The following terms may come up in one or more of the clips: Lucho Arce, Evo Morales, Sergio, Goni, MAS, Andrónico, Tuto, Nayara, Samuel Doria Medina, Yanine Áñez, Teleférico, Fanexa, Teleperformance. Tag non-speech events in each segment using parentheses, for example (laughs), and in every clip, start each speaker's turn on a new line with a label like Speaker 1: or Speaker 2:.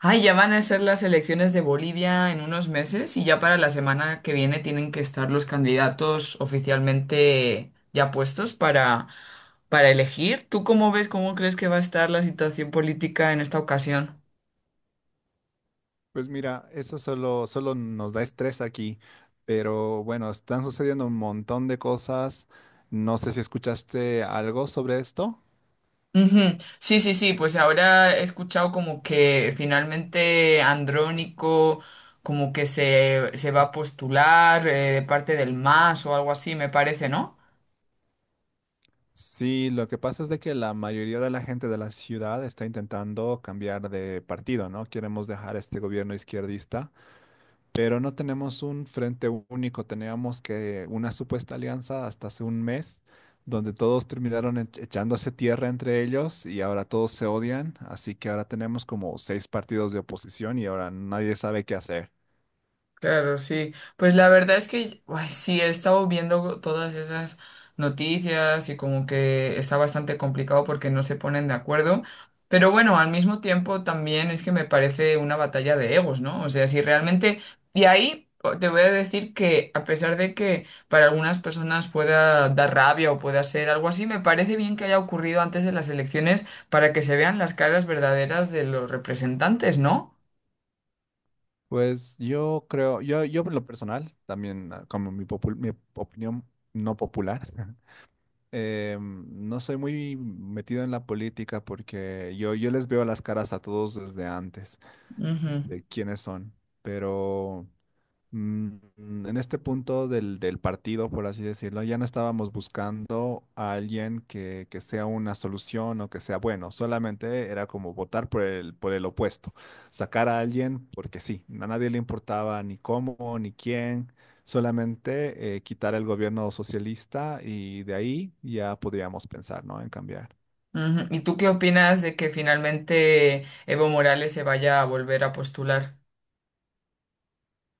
Speaker 1: Ay, ya van a ser las elecciones de Bolivia en unos meses y ya para la semana que viene tienen que estar los candidatos oficialmente ya puestos para elegir. ¿Tú cómo ves, cómo crees que va a estar la situación política en esta ocasión?
Speaker 2: Pues mira, eso solo nos da estrés aquí, pero bueno, están sucediendo un montón de cosas. No sé si escuchaste algo sobre esto.
Speaker 1: Ujú. Sí, sí, sí, pues ahora he escuchado como que finalmente Andrónico como que se va a postular de parte del MAS o algo así, me parece, ¿no?
Speaker 2: Sí, lo que pasa es de que la mayoría de la gente de la ciudad está intentando cambiar de partido, ¿no? Queremos dejar este gobierno izquierdista, pero no tenemos un frente único. Teníamos que una supuesta alianza hasta hace un mes, donde todos terminaron echándose tierra entre ellos, y ahora todos se odian. Así que ahora tenemos como seis partidos de oposición y ahora nadie sabe qué hacer.
Speaker 1: Claro, sí. Pues la verdad es que ay, sí, he estado viendo todas esas noticias y como que está bastante complicado porque no se ponen de acuerdo. Pero bueno, al mismo tiempo también es que me parece una batalla de egos, ¿no? O sea, si realmente... Y ahí te voy a decir que a pesar de que para algunas personas pueda dar rabia o pueda ser algo así, me parece bien que haya ocurrido antes de las elecciones para que se vean las caras verdaderas de los representantes, no.
Speaker 2: Pues yo creo, yo en lo personal, también como mi opinión no popular, (laughs) no soy muy metido en la política porque yo les veo las caras a todos desde antes
Speaker 1: Ujú.
Speaker 2: de quiénes son, pero Mm, en este punto del partido, por así decirlo, ya no estábamos buscando a alguien que sea una solución o que sea bueno, solamente era como votar por el opuesto, sacar a alguien porque sí, a nadie le importaba ni cómo ni quién, solamente quitar el gobierno socialista y de ahí ya podríamos pensar, ¿no?, en cambiar.
Speaker 1: Ujú. ¿Y tú qué opinas de que finalmente Evo Morales se vaya a volver a postular?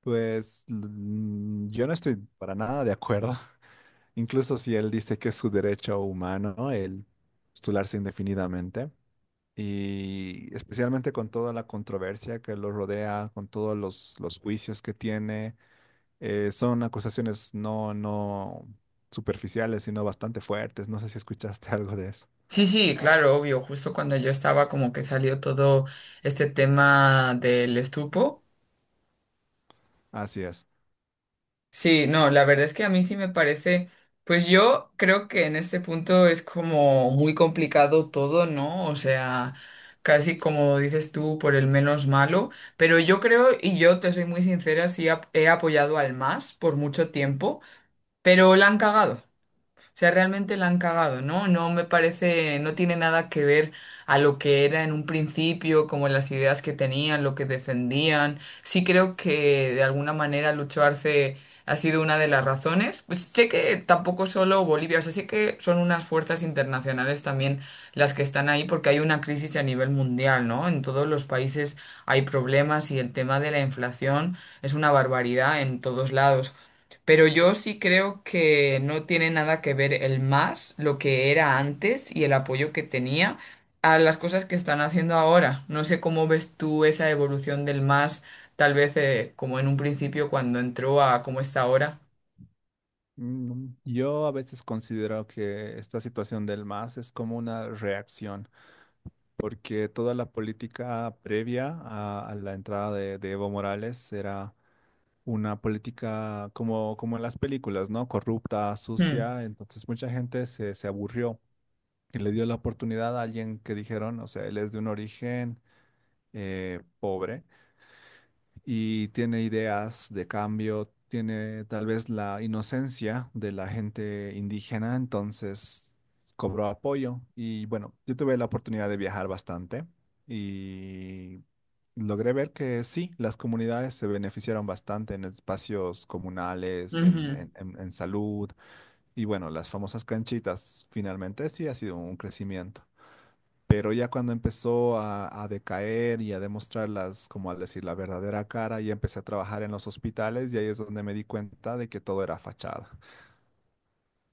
Speaker 2: Pues yo no estoy para nada de acuerdo. Incluso si él dice que es su derecho humano el postularse indefinidamente, y especialmente con toda la controversia que lo rodea, con todos los juicios que tiene, son acusaciones no superficiales, sino bastante fuertes. No sé si escuchaste (laughs) algo de eso.
Speaker 1: Sí, sí, claro, obvio, justo cuando yo estaba como que salió todo este tema del estupo.
Speaker 2: Así es.
Speaker 1: Sí, no, la verdad es que a mí sí me parece, pues yo creo que en este punto es como muy complicado todo, ¿no? O sea, casi como dices tú, por el menos malo, pero yo creo, y yo te soy muy sincera, he apoyado al MAS por mucho tiempo, pero la han cagado. Sea, realmente la han cagado, ¿no? No me parece, no tiene nada que ver a lo que era en un principio, como las ideas que tenían, lo que defendían. Sí creo que de alguna manera Lucho Arce ha sido una de las razones. Pues sé que tampoco solo Bolivia, o sea, sí que son unas fuerzas internacionales también las que están ahí porque hay una crisis a nivel mundial, ¿no? En todos los países hay problemas y el tema de la inflación es una barbaridad en todos lados. Pero yo sí creo que no tiene nada que ver el más, lo que era antes y el apoyo que tenía a las cosas que están haciendo ahora. No sé cómo ves tú esa evolución del más, tal vez como en un principio cuando entró a cómo está ahora.
Speaker 2: Yo a veces considero que esta situación del MAS es como una reacción, porque toda la política previa a la entrada de Evo Morales era una política como, como en las películas, ¿no? Corrupta,
Speaker 1: Hmm,
Speaker 2: sucia. Entonces mucha gente se aburrió y le dio la oportunidad a alguien que dijeron, o sea, él es de un origen pobre y tiene ideas de cambio, tiene tal vez la inocencia de la gente indígena. Entonces cobró apoyo y bueno, yo tuve la oportunidad de viajar bastante y logré ver que sí, las comunidades se beneficiaron bastante en espacios comunales, en,
Speaker 1: ujú.
Speaker 2: en salud, y bueno, las famosas canchitas finalmente sí ha sido un crecimiento. Pero ya cuando empezó a decaer y a demostrarlas como al decir, la verdadera cara, ya empecé a trabajar en los hospitales, y ahí es donde me di cuenta de que todo era fachada.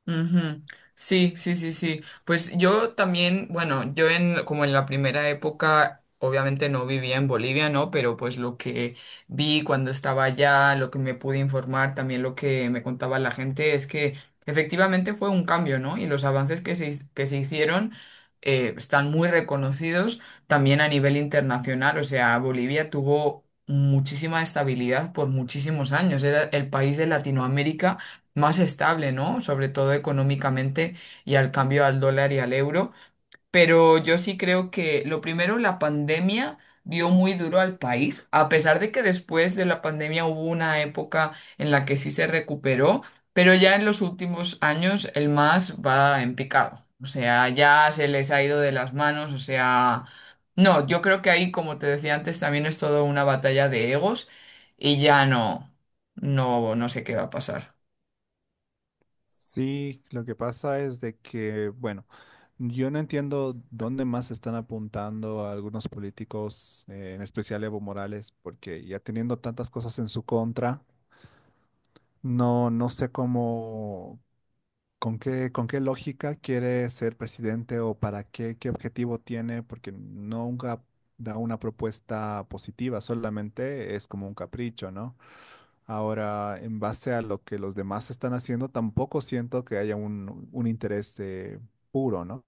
Speaker 1: Ujú. Sí, sí, sí, sí. Pues yo también, bueno, yo en como en la primera época, obviamente no vivía en Bolivia, ¿no? Pero pues lo que vi cuando estaba allá, lo que me pude informar, también lo que me contaba la gente es que efectivamente fue un cambio, ¿no? Y los avances que se hicieron están muy reconocidos también a nivel internacional. O sea, Bolivia tuvo muchísima estabilidad por muchísimos años. Era el país de Latinoamérica más estable, ¿no? Sobre todo económicamente y al cambio al dólar y al euro. Pero yo sí creo que lo primero, la pandemia dio muy duro al país, a pesar de que después de la pandemia hubo una época en la que sí se recuperó, pero ya en los últimos años el más va en picado. O sea, ya se les ha ido de las manos, o sea... No, yo creo que ahí, como te decía antes, también es todo una batalla de egos y ya no sé qué va a pasar.
Speaker 2: Sí, lo que pasa es de que, bueno, yo no entiendo dónde más están apuntando a algunos políticos, en especial Evo Morales, porque ya teniendo tantas cosas en su contra, no sé cómo. Con qué lógica quiere ser presidente? O ¿para qué, qué objetivo tiene? Porque nunca da una propuesta positiva, solamente es como un capricho, ¿no? Ahora, en base a lo que los demás están haciendo, tampoco siento que haya un interés puro, ¿no?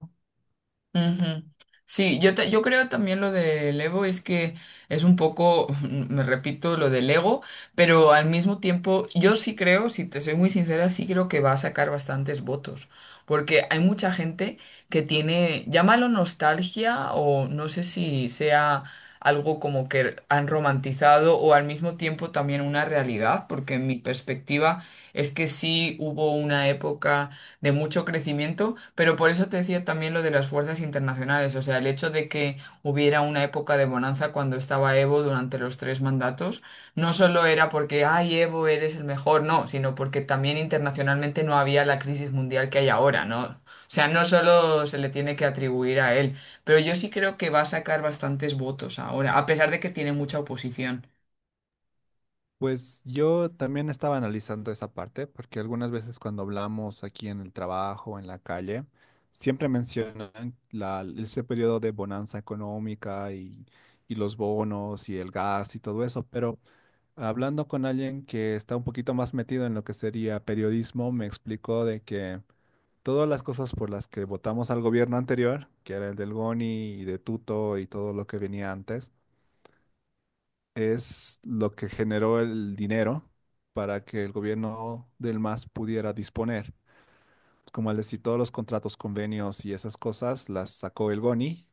Speaker 1: Ujú. Sí, yo creo también lo del ego es que es un poco, (laughs) me repito, lo del ego, pero al mismo tiempo yo sí creo, si te soy muy sincera, sí creo que va a sacar bastantes votos, porque hay mucha gente que tiene, llámalo nostalgia o no sé si sea algo como que han romantizado o al mismo tiempo también una realidad, porque mi perspectiva es que sí hubo una época de mucho crecimiento, pero por eso te decía también lo de las fuerzas internacionales, o sea, el hecho de que hubiera una época de bonanza cuando estaba Evo durante los tres mandatos, no solo era porque, ay, Evo, eres el mejor, no, sino porque también internacionalmente no había la crisis mundial que hay ahora, ¿no? O sea, no solo se le tiene que atribuir a él, pero yo sí creo que va a sacar bastantes votos ahora, a pesar de que tiene mucha oposición.
Speaker 2: Pues yo también estaba analizando esa parte, porque algunas veces cuando hablamos aquí en el trabajo, o en la calle, siempre mencionan ese periodo de bonanza económica y los bonos y el gas y todo eso, pero hablando con alguien que está un poquito más metido en lo que sería periodismo, me explicó de que todas las cosas por las que votamos al gobierno anterior, que era el del Goni y de Tuto y todo lo que venía antes, es lo que generó el dinero para que el gobierno del MAS pudiera disponer. Como al decir, todos los contratos, convenios y esas cosas las sacó el GONI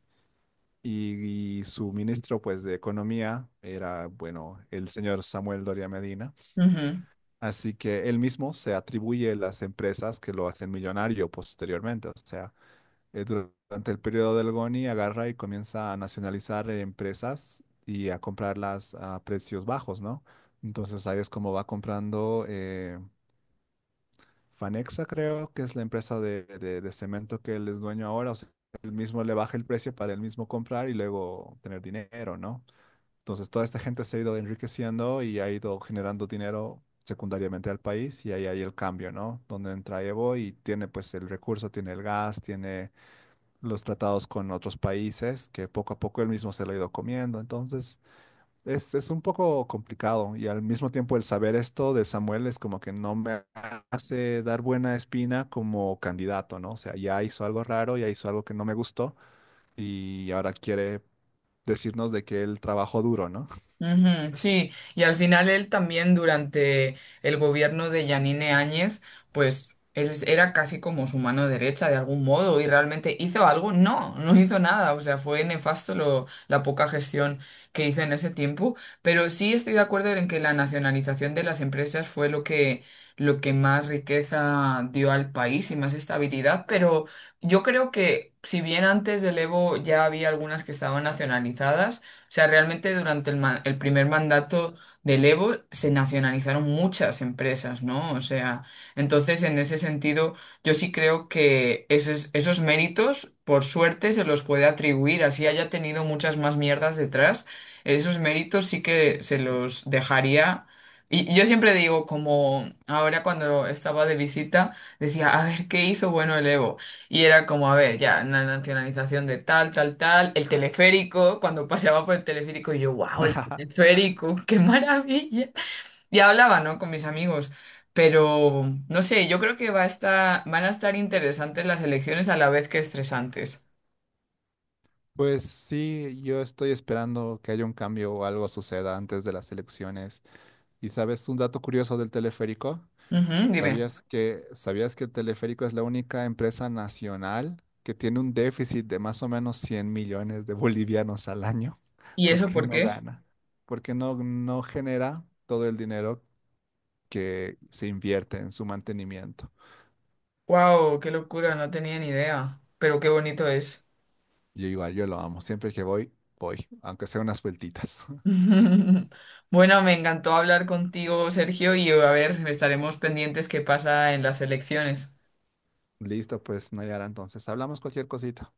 Speaker 2: y su ministro pues de Economía era, bueno, el señor Samuel Doria Medina.
Speaker 1: Ujú.
Speaker 2: Así que él mismo se atribuye las empresas que lo hacen millonario posteriormente. O sea, durante el periodo del Goni agarra y comienza a nacionalizar empresas y a comprarlas a precios bajos, ¿no? Entonces ahí es como va comprando Fanexa, creo que es la empresa de, de cemento que él es dueño ahora. O sea, él mismo le baja el precio para él mismo comprar y luego tener dinero, ¿no? Entonces toda esta gente se ha ido enriqueciendo y ha ido generando dinero secundariamente al país, y ahí hay el cambio, ¿no? Donde entra Evo y tiene pues el recurso, tiene el gas, tiene los tratados con otros países, que poco a poco él mismo se lo ha ido comiendo. Entonces, es un poco complicado, y al mismo tiempo el saber esto de Samuel es como que no me hace dar buena espina como candidato, ¿no? O sea, ya hizo algo raro, ya hizo algo que no me gustó, y ahora quiere decirnos de que él trabajó duro, ¿no?
Speaker 1: Ujú, sí, y al final él también durante el gobierno de Yanine Áñez, pues era casi como su mano derecha de algún modo y realmente hizo algo, no, no hizo nada, o sea, fue nefasto lo, la poca gestión que hizo en ese tiempo, pero sí estoy de acuerdo en que la nacionalización de las empresas fue lo que más riqueza dio al país y más estabilidad, pero yo creo que si bien antes del Evo ya había algunas que estaban nacionalizadas, sea, realmente durante el primer mandato del Evo se nacionalizaron muchas empresas, ¿no? O sea, entonces en ese sentido yo sí creo que esos méritos, por suerte, se los puede atribuir, así haya tenido muchas más mierdas detrás, esos méritos sí que se los dejaría. Y yo siempre digo, como ahora cuando estaba de visita, decía, a ver, ¿qué hizo bueno el Evo? Y era como, a ver, ya, una nacionalización de tal, tal, tal, el teleférico, cuando paseaba por el teleférico, y yo, wow, el teleférico, (laughs) qué maravilla. Y hablaba, ¿no? Con mis amigos. Pero, no sé, yo creo que va a estar, van a estar interesantes las elecciones a la vez que estresantes.
Speaker 2: Pues sí, yo estoy esperando que haya un cambio o algo suceda antes de las elecciones. ¿Y sabes un dato curioso del teleférico?
Speaker 1: Ujú, dime.
Speaker 2: Sabías que Teleférico es la única empresa nacional que tiene un déficit de más o menos 100 millones de bolivianos al año? (laughs)
Speaker 1: ¿Y eso
Speaker 2: Porque
Speaker 1: por
Speaker 2: no
Speaker 1: qué?
Speaker 2: gana, porque no genera todo el dinero que se invierte en su mantenimiento.
Speaker 1: Wow, qué locura, no tenía ni idea. Pero qué bonito es.
Speaker 2: Yo igual, yo lo amo. Siempre que voy, voy, aunque sea unas vueltitas.
Speaker 1: (laughs) Bueno, me encantó hablar contigo, Sergio, y a ver, estaremos pendientes qué pasa en las elecciones.
Speaker 2: (laughs) Listo, pues Nayara, entonces hablamos cualquier cosita.